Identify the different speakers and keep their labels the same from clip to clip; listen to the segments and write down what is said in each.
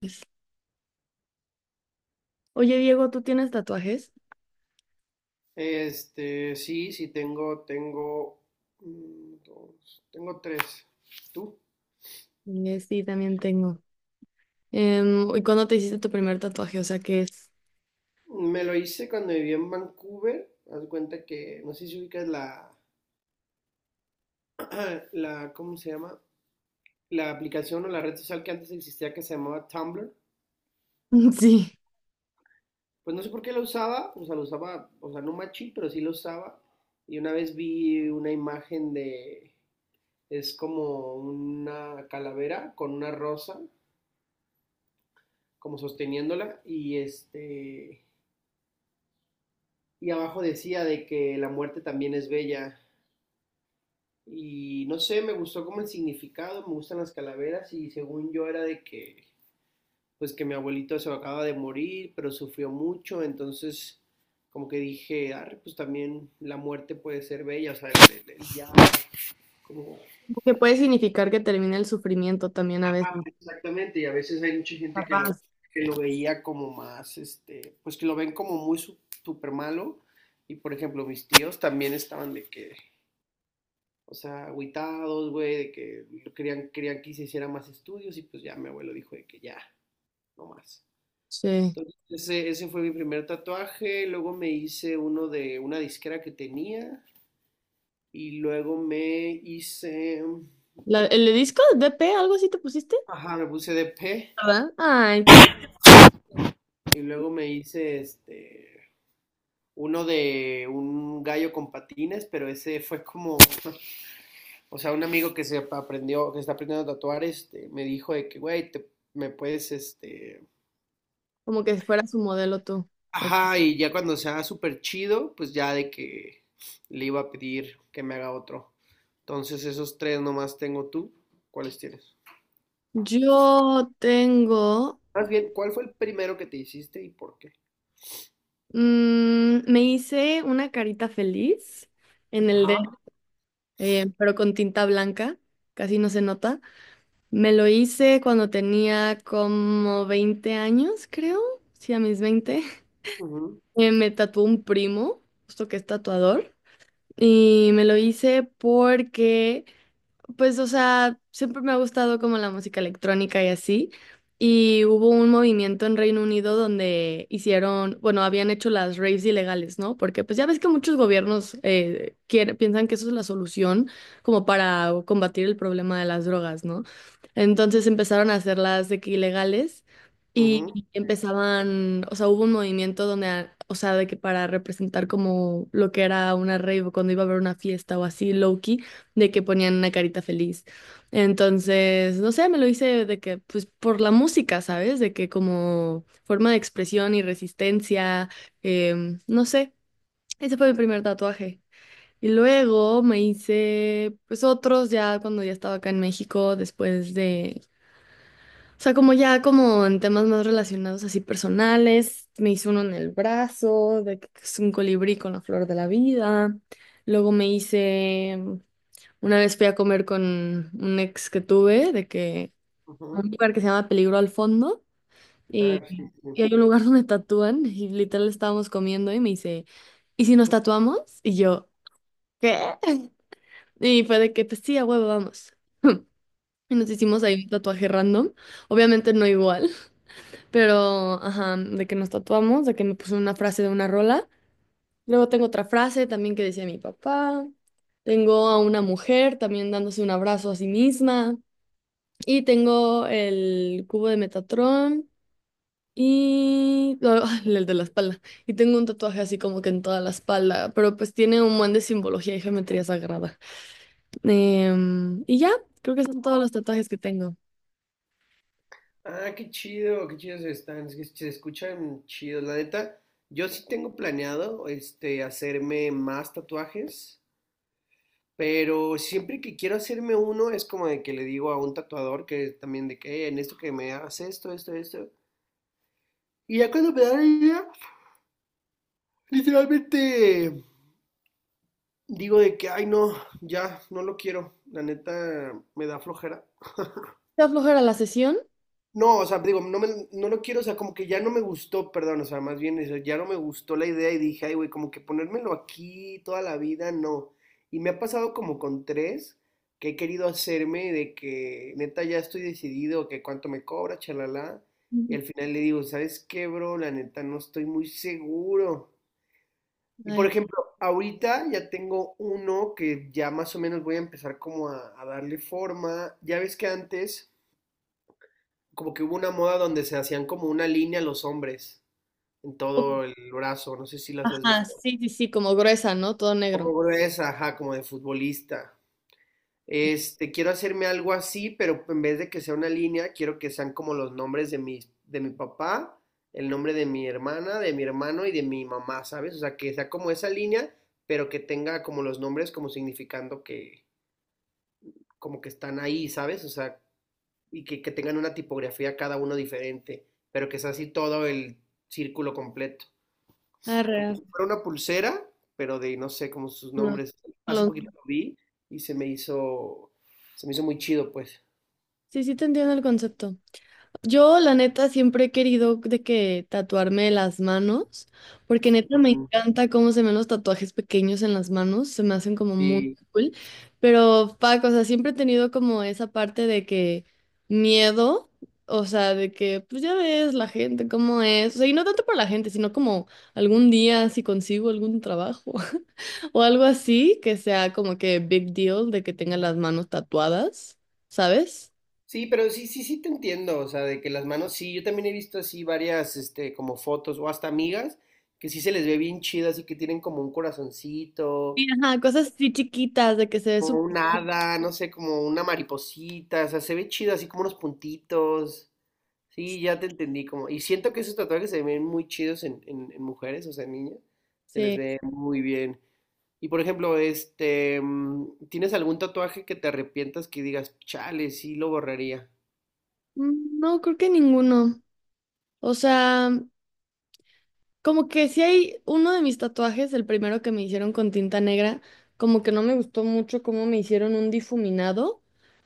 Speaker 1: Pues, oye, Diego, ¿tú tienes tatuajes?
Speaker 2: Sí, sí tengo, dos, tengo tres. ¿Tú?
Speaker 1: Sí, también tengo. ¿Y cuándo te hiciste tu primer tatuaje? O sea, ¿qué es?
Speaker 2: Me lo hice cuando viví en Vancouver. Haz de cuenta que, no sé si ubicas la, la, ¿cómo se llama? La aplicación o la red social que antes existía que se llamaba Tumblr.
Speaker 1: Sí,
Speaker 2: Pues no sé por qué la usaba, o sea, la usaba, o sea, no machín, pero sí la usaba. Y una vez vi una imagen de, es como una calavera con una rosa, como sosteniéndola. Y abajo decía de que la muerte también es bella. Y no sé, me gustó como el significado, me gustan las calaveras y según yo era de que, pues que mi abuelito se acaba de morir, pero sufrió mucho, entonces como que dije, ah, pues también la muerte puede ser bella, o sea, el ya, como-
Speaker 1: que puede significar que termina el sufrimiento también a veces.
Speaker 2: exactamente. Y a veces hay mucha gente
Speaker 1: Capaz.
Speaker 2: que lo veía como más, pues que lo ven como muy súper malo, y por ejemplo mis tíos también estaban de que, o sea, agüitados, güey, de que querían que se hiciera más estudios, y pues ya mi abuelo dijo de que ya, no más.
Speaker 1: Sí.
Speaker 2: Entonces, ese fue mi primer tatuaje. Luego me hice uno de una disquera que tenía, y luego me hice...
Speaker 1: ¿El de disco de DP, algo así te pusiste?
Speaker 2: Ajá, me puse de P.
Speaker 1: ¿Verdad? Ay, qué precioso.
Speaker 2: Y luego me hice. Uno de un gallo con patines, pero ese fue como, o sea, un amigo que se aprendió, que está aprendiendo a tatuar, me dijo de que, güey, me puedes.
Speaker 1: Como que fuera su modelo tú. Ok.
Speaker 2: Ajá, y ya cuando sea súper chido, pues ya de que le iba a pedir que me haga otro. Entonces, esos tres nomás tengo, tú. ¿Cuáles tienes?
Speaker 1: Yo tengo,
Speaker 2: Más bien, ¿cuál fue el primero que te hiciste y por qué?
Speaker 1: me hice una carita feliz en el dedo,
Speaker 2: Ajá.
Speaker 1: pero con tinta blanca, casi no se nota. Me lo hice cuando tenía como 20 años, creo. Sí, a mis 20.
Speaker 2: Ujú,
Speaker 1: Me tatuó un primo, justo que es tatuador. Y me lo hice porque pues, o sea, siempre me ha gustado como la música electrónica y así. Y hubo un movimiento en Reino Unido donde hicieron, bueno, habían hecho las raves ilegales, ¿no? Porque pues ya ves que muchos gobiernos piensan que eso es la solución como para combatir el problema de las drogas, ¿no? Entonces empezaron a hacerlas de que ilegales y
Speaker 2: ujú,
Speaker 1: empezaban, o sea, hubo un movimiento donde, o sea, de que para representar como lo que era una rave o cuando iba a haber una fiesta o así, low de que ponían una carita feliz. Entonces, no sé, me lo hice de que, pues por la música, ¿sabes? De que como forma de expresión y resistencia, no sé, ese fue mi primer tatuaje. Y luego me hice, pues otros ya cuando ya estaba acá en México, después de, o sea, como ya como en temas más relacionados así personales, me hice uno en el brazo, de que es un colibrí con la flor de la vida. Luego me hice, una vez fui a comer con un ex que tuve, de que a
Speaker 2: ujú.
Speaker 1: un lugar que se llama Peligro al Fondo,
Speaker 2: Ah,
Speaker 1: y,
Speaker 2: sí, sí.
Speaker 1: y hay un lugar donde tatúan, y literal estábamos comiendo y me dice, ¿y si nos tatuamos? Y yo, ¿qué? Y fue de que, pues sí, a huevo, vamos. Y nos hicimos ahí un tatuaje random, obviamente no igual, pero, ajá, de que nos tatuamos, de que me puso una frase de una rola. Luego tengo otra frase también que decía mi papá. Tengo a una mujer también dándose un abrazo a sí misma. Y tengo el cubo de Metatron y no, el de la espalda. Y tengo un tatuaje así como que en toda la espalda, pero pues tiene un buen de simbología y geometría sagrada. Y ya, creo que son todos los tatuajes que tengo.
Speaker 2: Ah, qué chido, qué chidos están. Es que se escuchan chidos. La neta, yo sí tengo planeado, hacerme más tatuajes. Pero siempre que quiero hacerme uno es como de que le digo a un tatuador que también de que: En esto que me hagas esto, esto, esto". Y ya cuando me da la idea, literalmente digo de que, ay, no, ya no lo quiero. La neta me da flojera.
Speaker 1: ¿Te aflojera la sesión?
Speaker 2: No, o sea, digo, no, no lo quiero, o sea, como que ya no me gustó, perdón, o sea, más bien, eso, ya no me gustó la idea y dije, ay, güey, como que ponérmelo aquí toda la vida, no. Y me ha pasado como con tres que he querido hacerme, de que neta ya estoy decidido, que cuánto me cobra, chalala. Y
Speaker 1: Ujú.
Speaker 2: al final le digo, ¿sabes qué, bro? La neta no estoy muy seguro. Y por
Speaker 1: Ay.
Speaker 2: ejemplo, ahorita ya tengo uno que ya más o menos voy a empezar como a darle forma. Ya ves que antes como que hubo una moda donde se hacían como una línea los hombres en
Speaker 1: Oh,
Speaker 2: todo el brazo, no sé si las has
Speaker 1: ajá,
Speaker 2: visto,
Speaker 1: sí, sí, sí, como gruesa, ¿no? Todo
Speaker 2: como
Speaker 1: negro.
Speaker 2: gruesa, ajá, como de futbolista. Quiero hacerme algo así, pero en vez de que sea una línea, quiero que sean como los nombres de de mi papá, el nombre de mi hermana, de mi hermano y de mi mamá, ¿sabes? O sea, que sea como esa línea, pero que tenga como los nombres como significando que como que están ahí, ¿sabes? O sea, y que tengan una tipografía cada uno diferente, pero que sea así todo el círculo completo.
Speaker 1: Arre,
Speaker 2: Como
Speaker 1: arre.
Speaker 2: si fuera una pulsera, pero de no sé, como sus
Speaker 1: No,
Speaker 2: nombres. Hace
Speaker 1: no.
Speaker 2: poquito lo vi y se me hizo muy chido, pues.
Speaker 1: Sí, sí te entiendo el concepto. Yo, la neta, siempre he querido de que tatuarme las manos, porque neta me
Speaker 2: Mm.
Speaker 1: encanta cómo se me ven los tatuajes pequeños en las manos, se me hacen como muy
Speaker 2: Sí,
Speaker 1: cool. Pero, fuck, o sea, siempre he tenido como esa parte de que miedo, o sea, de que, pues ya ves la gente, cómo es. O sea, y no tanto por la gente, sino como algún día si consigo algún trabajo o algo así, que sea como que big deal de que tenga las manos tatuadas, ¿sabes?
Speaker 2: sí, pero sí, sí, sí te entiendo, o sea, de que las manos, sí, yo también he visto así varias, como fotos o hasta amigas que sí se les ve bien chidas y que tienen como un
Speaker 1: Sí,
Speaker 2: corazoncito,
Speaker 1: ajá, cosas así chiquitas de que se ve
Speaker 2: como un
Speaker 1: súper bien.
Speaker 2: hada, no sé, como una mariposita, o sea, se ve chido, así como unos puntitos. Sí, ya te entendí, como, y siento que esos tatuajes se ven muy chidos en mujeres, o sea, en niñas, se les
Speaker 1: Sí.
Speaker 2: ve muy bien. Y por ejemplo, ¿tienes algún tatuaje que te arrepientas, que digas, chale, sí lo borraría?
Speaker 1: Mm, no, creo que ninguno. O sea, como que si hay uno de mis tatuajes, el primero que me hicieron con tinta negra, como que no me gustó mucho cómo me hicieron un difuminado,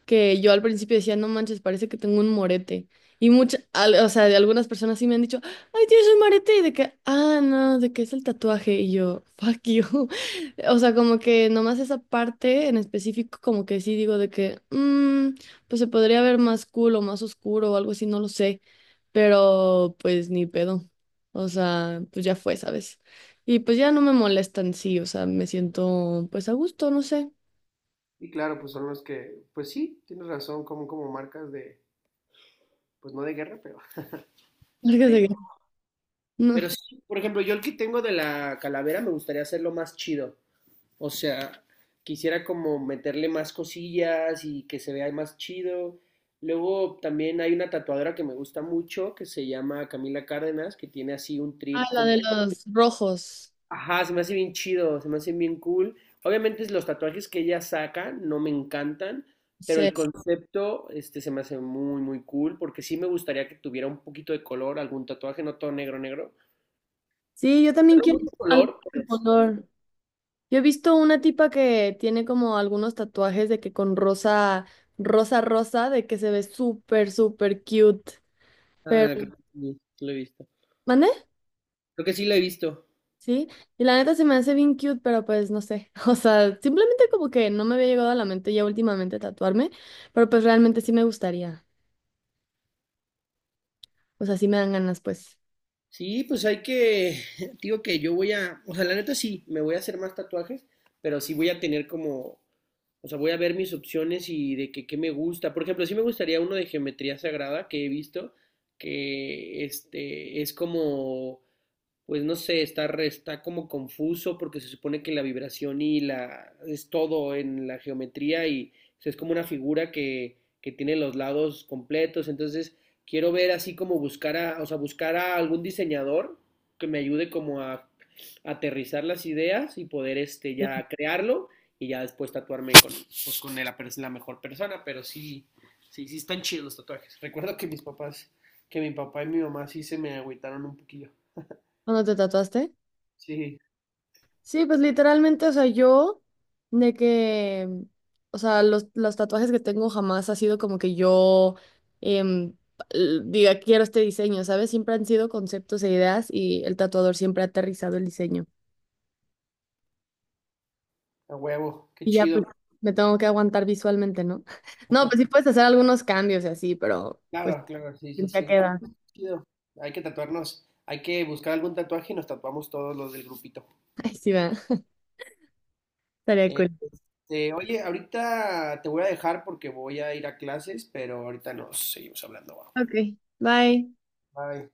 Speaker 1: que yo al principio decía, no manches, parece que tengo un morete. Y muchas, o sea, de algunas personas sí me han dicho, ay, tienes un morete, y de que, ah, no, de que es el tatuaje, y yo, fuck you. O sea, como que nomás esa parte en específico, como que sí digo de que, "Mm, pues se podría ver más cool o más oscuro o algo así, no lo sé, pero pues ni pedo. O sea, pues ya fue, ¿sabes? Y pues ya no me molestan, sí, o sea, me siento pues a gusto, no sé.
Speaker 2: Y claro, pues son los que, pues sí, tienes razón, como marcas de, pues no de guerra, pero.
Speaker 1: Marcas de
Speaker 2: Pero,
Speaker 1: guerra. No.
Speaker 2: pero sí, por ejemplo, yo el que tengo de la calavera me gustaría hacerlo más chido. O sea, quisiera como meterle más cosillas y que se vea más chido. Luego también hay una tatuadora que me gusta mucho que se llama Camila Cárdenas, que tiene así un
Speaker 1: Ah,
Speaker 2: trip
Speaker 1: la de
Speaker 2: como,
Speaker 1: los rojos.
Speaker 2: ajá, se me hace bien chido, se me hace bien cool. Obviamente es, los tatuajes que ella saca no me encantan, pero
Speaker 1: Sí.
Speaker 2: el concepto este se me hace muy muy cool, porque sí me gustaría que tuviera un poquito de color, algún tatuaje, no todo negro negro,
Speaker 1: Sí, yo también
Speaker 2: pero
Speaker 1: quiero
Speaker 2: mucho
Speaker 1: algo
Speaker 2: color,
Speaker 1: de
Speaker 2: pero
Speaker 1: ese
Speaker 2: sí.
Speaker 1: color. Yo he visto una tipa que tiene como algunos tatuajes de que con rosa, rosa, rosa, de que se ve súper, súper cute. Pero,
Speaker 2: Ah, creo que sí, sí lo he visto.
Speaker 1: ¿mande?
Speaker 2: Creo que sí lo he visto.
Speaker 1: Sí, y la neta se me hace bien cute, pero pues no sé, o sea, simplemente como que no me había llegado a la mente ya últimamente tatuarme, pero pues realmente sí me gustaría, o sea, sí me dan ganas pues.
Speaker 2: Sí, pues hay que, digo que yo voy a, o sea, la neta sí, me voy a hacer más tatuajes, pero sí voy a tener como, o sea, voy a ver mis opciones y de que qué me gusta. Por ejemplo, sí me gustaría uno de geometría sagrada que he visto, que este es como, pues no sé, está como confuso, porque se supone que la vibración y la es todo en la geometría, y o sea, es como una figura que tiene los lados completos. Entonces, quiero ver así como buscar a, o sea, buscar a algún diseñador que me ayude como aterrizar las ideas y poder
Speaker 1: Sí.
Speaker 2: ya crearlo, y ya después tatuarme con, pues, con la mejor persona. Pero sí, sí, sí están chidos los tatuajes. Recuerdo que mis papás, que mi papá y mi mamá, sí se me agüitaron un poquillo.
Speaker 1: ¿Cuándo te tatuaste?
Speaker 2: Sí.
Speaker 1: Sí, pues literalmente, o sea, yo de que, o sea, los tatuajes que tengo jamás ha sido como que yo em, diga, quiero este diseño, ¿sabes? Siempre han sido conceptos e ideas y el tatuador siempre ha aterrizado el diseño.
Speaker 2: A huevo, qué
Speaker 1: Y ya
Speaker 2: chido.
Speaker 1: pues me tengo que aguantar visualmente, ¿no? No, pues sí puedes hacer algunos cambios y así, pero pues
Speaker 2: Claro, claro, sí, sí,
Speaker 1: ya
Speaker 2: sí, ¿no?
Speaker 1: queda.
Speaker 2: Pues, qué chido. Hay que tatuarnos, hay que buscar algún tatuaje y nos tatuamos todos los del grupito.
Speaker 1: Ahí sí va. Estaría cool.
Speaker 2: Oye, ahorita te voy a dejar porque voy a ir a clases, pero ahorita nos seguimos hablando. Va.
Speaker 1: Ok, bye.
Speaker 2: Bye.